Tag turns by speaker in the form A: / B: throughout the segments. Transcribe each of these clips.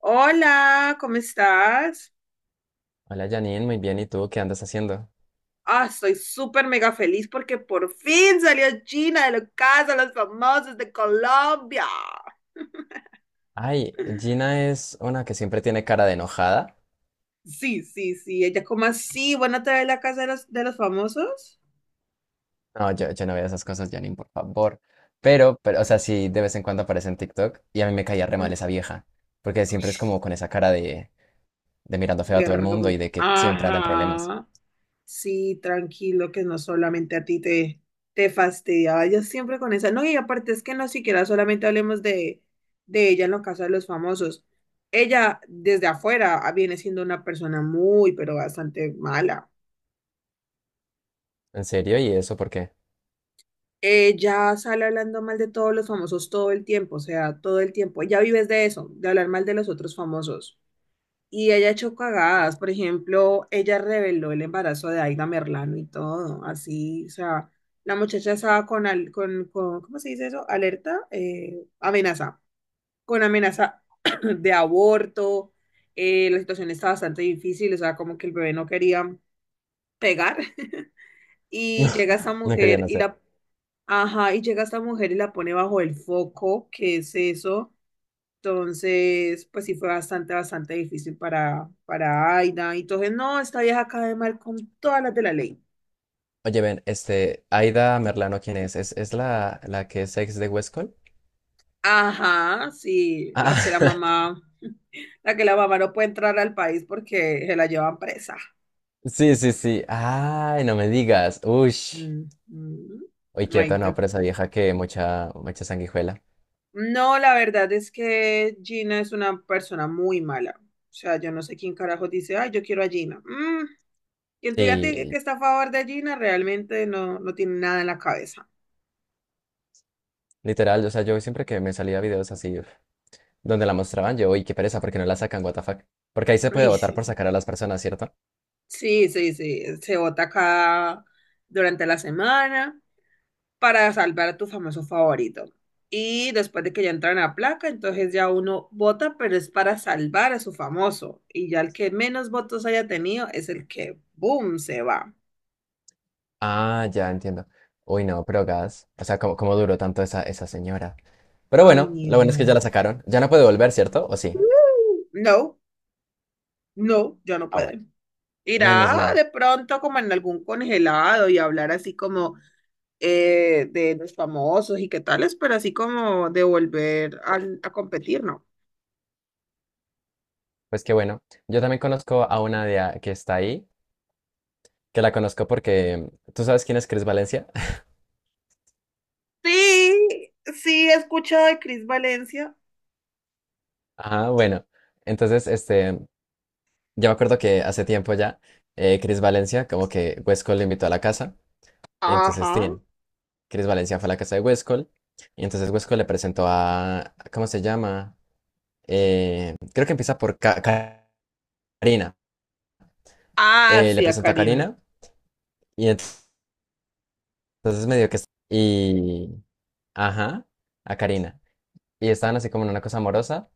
A: Hola, ¿cómo estás?
B: Hola Janine, muy bien. ¿Y tú qué andas haciendo?
A: Ah, estoy súper mega feliz porque por fin salió Gina de la casa, de los famosos de Colombia.
B: Ay, Gina es una que siempre tiene cara de enojada.
A: Sí, sí, sí, ella como así, bueno, te de la casa de los famosos.
B: No, yo no veo esas cosas, Janine, por favor. Pero, o sea, sí, de vez en cuando aparece en TikTok y a mí me caía re mal esa
A: Ah,
B: vieja. Porque siempre
A: uy,
B: es como con esa cara de mirando feo a todo el
A: verga.
B: mundo y de que siempre anda en problemas.
A: Ajá. Sí, tranquilo, que no solamente a ti te fastidiaba, yo siempre con esa, no, y aparte es que no siquiera solamente hablemos de ella en los casos de los famosos, ella desde afuera ah, viene siendo una persona muy, pero bastante mala,
B: ¿En serio? ¿Y eso por qué?
A: ella sale hablando mal de todos los famosos todo el tiempo, o sea, todo el tiempo, ella vives de eso, de hablar mal de los otros famosos. Y ella echó cagadas, por ejemplo, ella reveló el embarazo de Aida Merlano y todo, así, o sea, la muchacha estaba con, ¿cómo se dice eso? Alerta, amenaza, con amenaza de aborto, la situación está bastante difícil, o sea, como que el bebé no quería pegar,
B: No,
A: y llega esta
B: no querían
A: mujer y
B: hacer.
A: la, ajá, y llega esta mujer y la pone bajo el foco, ¿qué es eso? Entonces, pues sí fue bastante, bastante difícil para Aida. Y entonces, no, esta vieja cae mal con todas las de la ley.
B: Oye, ven, Aida Merlano, ¿quién es? ¿ es la que es ex de Westcol?
A: Ajá, sí, la que la
B: Ah,
A: mamá, la que la mamá no puede entrar al país porque se la llevan presa.
B: sí, sí, sí. Ay, no me digas. Ush.
A: Mm, mm.
B: Uy,
A: Ahí
B: quieto, no,
A: te-
B: pero esa vieja que mucha sanguijuela.
A: No, la verdad es que Gina es una persona muy mala. O sea, yo no sé quién carajo dice, ay, yo quiero a Gina. Mm, quien te diga que
B: Y
A: está a favor de Gina realmente no, no tiene nada en la cabeza.
B: literal, o sea, yo siempre que me salía videos así uf, donde la mostraban, yo, uy, qué pereza, porque no la sacan, what the fuck. Porque ahí se puede
A: Ay,
B: votar por
A: sí.
B: sacar a las personas, ¿cierto?
A: Sí, sí, sí, se vota acá durante la semana para salvar a tu famoso favorito. Y después de que ya entran a placa, entonces ya uno vota, pero es para salvar a su famoso. Y ya el que menos votos haya tenido es el que, boom, se va.
B: Ah, ya entiendo. Uy, no, pero gas. O sea, ¿ cómo duró tanto esa señora? Pero
A: Ay,
B: bueno,
A: ni
B: lo bueno es que
A: idea.
B: ya la sacaron. Ya no puede volver, ¿cierto? ¿O sí?
A: No, no, ya no
B: Ah, bueno.
A: puede.
B: Menos
A: Irá
B: mal.
A: de pronto como en algún congelado y hablar así como de los famosos y qué tales, pero así como de volver a competir, ¿no?
B: Pues qué bueno. Yo también conozco a una que está ahí, que la conozco porque. ¿Tú sabes quién es Chris Valencia?
A: Sí, sí, he escuchado de Cris Valencia.
B: Ah, bueno. Entonces, Yo me acuerdo que hace tiempo ya, Chris Valencia, como que Westcol le invitó a la casa, y entonces,
A: Ajá.
B: Chris Valencia fue a la casa de Westcol, y entonces Westcol le presentó a, ¿cómo se llama? Eh, creo que empieza por Karina.
A: Ah,
B: Le
A: sí, a
B: presentó a
A: Karina.
B: Karina, y entonces medio que... Y... Ajá, a Karina. Y estaban así como en una cosa amorosa,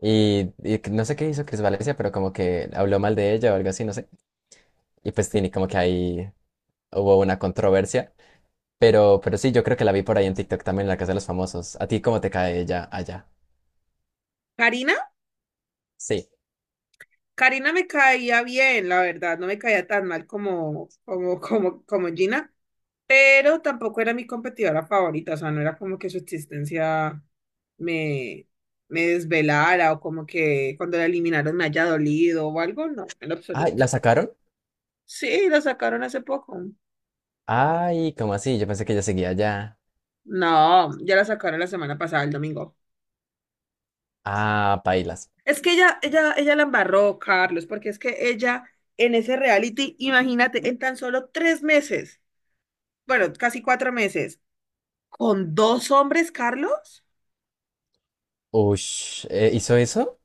B: y no sé qué hizo Chris Valencia, pero como que habló mal de ella o algo así, no sé. Y pues Tini, como que ahí hubo una controversia. Pero sí, yo creo que la vi por ahí en TikTok también, La Casa de los Famosos. ¿A ti cómo te cae ella allá?
A: ¿Karina?
B: Sí.
A: Karina me caía bien, la verdad, no me caía tan mal como, como Gina, pero tampoco era mi competidora favorita, o sea, no era como que su existencia me, me desvelara o como que cuando la eliminaron me haya dolido o algo, no, en lo
B: Ay,
A: absoluto.
B: ¿la sacaron?
A: Sí, la sacaron hace poco.
B: Ay, ¿cómo así? Yo pensé que ella seguía allá.
A: No, ya la sacaron la semana pasada, el domingo.
B: Ah, pailas.
A: Es que ella la embarró, Carlos, porque es que ella en ese reality, imagínate, en tan solo tres meses, bueno, casi cuatro meses, con dos hombres, Carlos,
B: Ush, ¿hizo eso?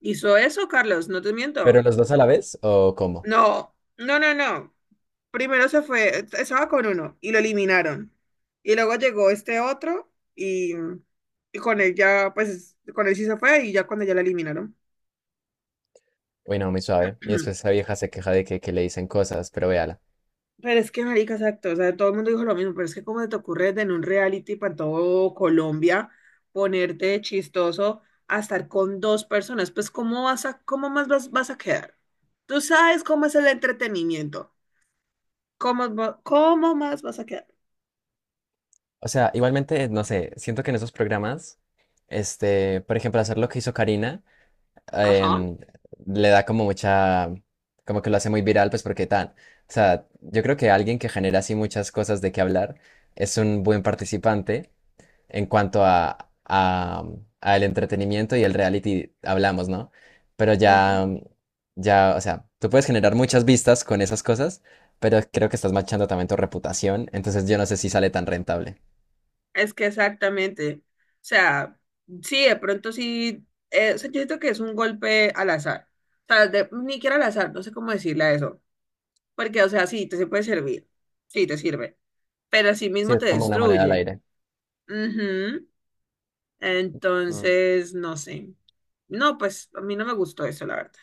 A: hizo eso, Carlos, no te
B: ¿Pero
A: miento.
B: los dos a la vez? ¿O cómo?
A: No, no, no, no. Primero se fue, estaba con uno y lo eliminaron. Y luego llegó este otro y con él ya, pues, con él sí se fue y ya cuando ya la eliminaron.
B: Uy, no, muy suave. Y después esa vieja se queja de que le dicen cosas, pero véala.
A: Pero es que, marica, exacto, o sea, todo el mundo dijo lo mismo, pero es que cómo se te ocurre en un reality para todo Colombia ponerte de chistoso a estar con dos personas, pues cómo vas a, vas a quedar. Tú sabes cómo es el entretenimiento, cómo, cómo más vas a quedar.
B: O sea, igualmente, no sé, siento que en esos programas, por ejemplo, hacer lo que hizo Karina.
A: Ajá.
B: em, Le da como mucha, como que lo hace muy viral, pues porque tan, o sea, yo creo que alguien que genera así muchas cosas de qué hablar es un buen participante en cuanto a el entretenimiento y el reality hablamos, ¿no? Pero
A: Ujú.
B: ya, o sea, tú puedes generar muchas vistas con esas cosas, pero creo que estás manchando también tu reputación, entonces yo no sé si sale tan rentable.
A: Es que exactamente, o sea, sí, de pronto sí, o sea, yo siento que es un golpe al azar, o sea, ni siquiera al azar, no sé cómo decirle a eso, porque, o sea, sí, te se puede servir. Sí, te sirve. Pero sí
B: Sí,
A: mismo
B: es
A: te
B: como una moneda al
A: destruye.
B: aire.
A: Ujú. Entonces, no sé. No, pues a mí no me gustó eso, la verdad.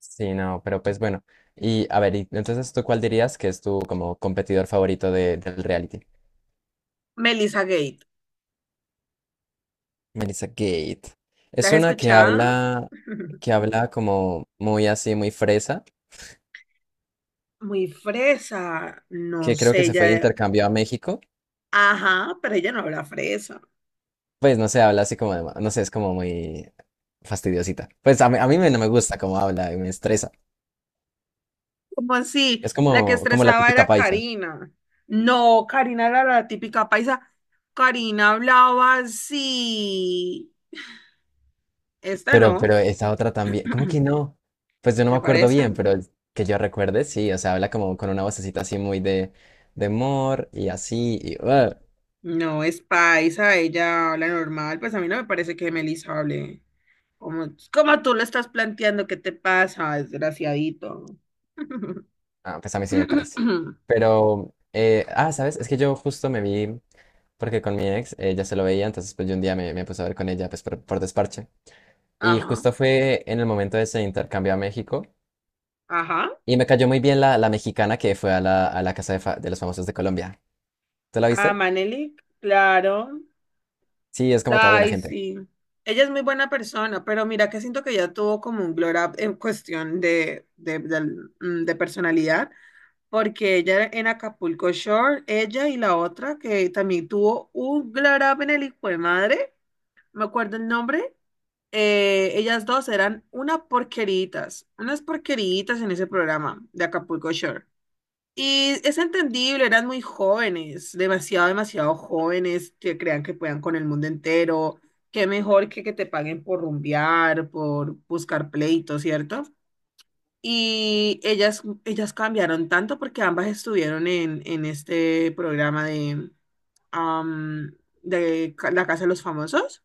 B: Sí, no, pero pues bueno. Y a ver, y entonces tú cuál dirías que es tu como competidor favorito del reality?
A: Melissa Gate,
B: Melissa Gate.
A: ¿la
B: Es
A: has
B: una
A: escuchado?
B: que habla como muy así, muy fresa,
A: Muy fresa, no
B: que creo que
A: sé,
B: se fue de
A: ella,
B: intercambio a México.
A: ajá, pero ella no habla fresa.
B: Pues no sé, habla así como de, no sé, es como muy fastidiosita. Pues a mí no me gusta cómo habla, me estresa.
A: ¿Cómo así?
B: Es
A: La que
B: como la
A: estresaba
B: típica
A: era
B: paisa.
A: Karina. No, Karina era la típica paisa. Karina hablaba así. Esta
B: Pero
A: no,
B: esa otra también, ¿cómo que no? Pues yo no me
A: ¿te
B: acuerdo
A: parece?
B: bien, pero el que yo recuerde, sí, o sea, habla como con una vocecita así muy de amor y así, y ¡ah!
A: No, es paisa, ella habla normal, pues a mí no me parece que Melissa hable como, como tú lo estás planteando, ¿qué te pasa, desgraciadito?
B: Ah, pues a mí sí me parece. Pero, ah, ¿sabes? Es que yo justo me vi, porque con mi ex ella se lo veía, entonces pues yo un día me puse a ver con ella, pues por desparche. Y
A: Ajá,
B: justo fue en el momento de ese intercambio a México,
A: ajá.
B: y me cayó muy bien la mexicana que fue a a la casa de, de los famosos de Colombia. ¿Tú la
A: Ah,
B: viste?
A: Manelik, claro.
B: Sí, es como toda buena
A: Ay,
B: gente.
A: sí. Ella es muy buena persona, pero mira que siento que ella tuvo como un glow up en cuestión de, de personalidad, porque ella en Acapulco Shore, ella y la otra que también tuvo un glow up en el hijo de madre. Me acuerdo el nombre, ellas dos eran una porqueritas, unas porqueritas en ese programa de Acapulco Shore. Y es entendible, eran muy jóvenes, demasiado, demasiado jóvenes que crean que puedan con el mundo entero. Qué mejor que te paguen por rumbear, por buscar pleitos, ¿cierto? Y ellas cambiaron tanto porque ambas estuvieron en este programa de, am, La Casa de los Famosos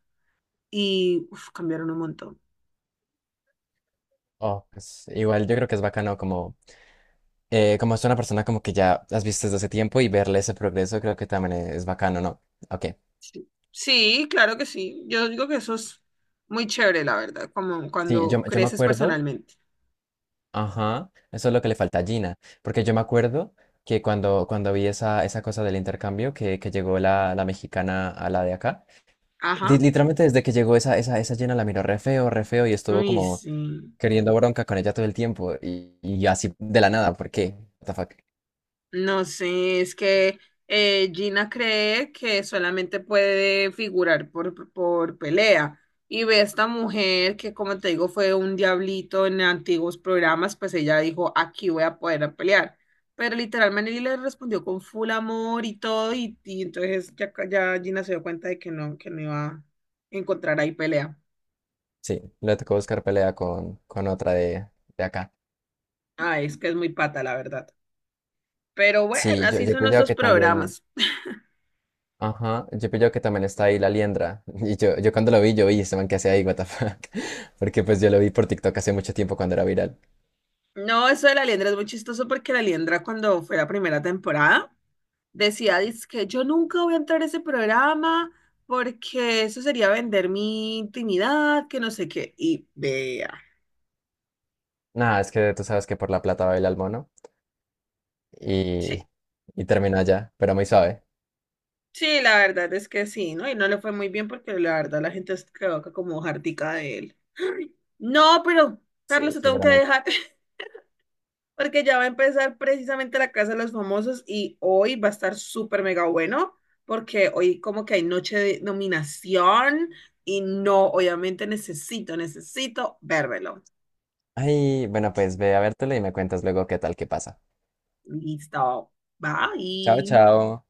A: y uf, cambiaron un montón.
B: Oh, pues igual yo creo que es bacano como, como es una persona como que ya has visto desde hace tiempo y verle ese progreso creo que también es bacano, ¿no? Ok.
A: Sí. Sí, claro que sí. Yo digo que eso es muy chévere, la verdad, como
B: Sí,
A: cuando
B: yo me
A: creces
B: acuerdo,
A: personalmente.
B: ajá, eso es lo que le falta a Gina, porque yo me acuerdo que cuando vi esa cosa del intercambio que llegó la mexicana a la de acá,
A: Ajá.
B: literalmente desde que llegó esa Gina la miró re feo y estuvo
A: Uy,
B: como
A: sí.
B: queriendo bronca con ella todo el tiempo y así de la nada, ¿por qué? What the fuck?
A: No sé, es que Gina cree que solamente puede figurar por pelea. Y ve a esta mujer que, como te digo, fue un diablito en antiguos programas, pues ella dijo, aquí voy a poder a pelear. Pero literalmente le respondió con full amor y todo, y entonces ya, ya Gina se dio cuenta de que no iba a encontrar ahí pelea.
B: Sí, le tocó buscar pelea con otra de acá.
A: Ah, es que es muy pata, la verdad. Pero bueno,
B: Sí,
A: así
B: yo he
A: son
B: pillado
A: nuestros
B: que también.
A: programas.
B: Ajá, yo he pillado que también está ahí la liendra. Y yo cuando lo vi, yo vi este man que hace ahí, what the fuck. Porque pues yo lo vi por TikTok hace mucho tiempo cuando era viral.
A: No, eso de la liendra es muy chistoso porque la liendra cuando fue la primera temporada decía, que yo nunca voy a entrar a ese programa porque eso sería vender mi intimidad, que no sé qué. Y vea.
B: Nada, es que tú sabes que por la plata baila el mono. Y,
A: Sí,
B: y terminó allá, pero muy suave.
A: sí, la verdad es que sí, ¿no? Y no le fue muy bien porque la verdad la gente se quedó acá como jartica de él. Ay, no, pero Carlos,
B: Sí,
A: te tengo que
B: seguramente.
A: dejar. Porque ya va a empezar precisamente la Casa de los Famosos y hoy va a estar súper mega bueno, porque hoy como que hay noche de nominación y no, obviamente necesito, necesito vérmelo.
B: Ay, bueno, pues ve a vértelo y me cuentas luego qué tal, qué pasa.
A: Listo,
B: Chao,
A: bye.
B: chao.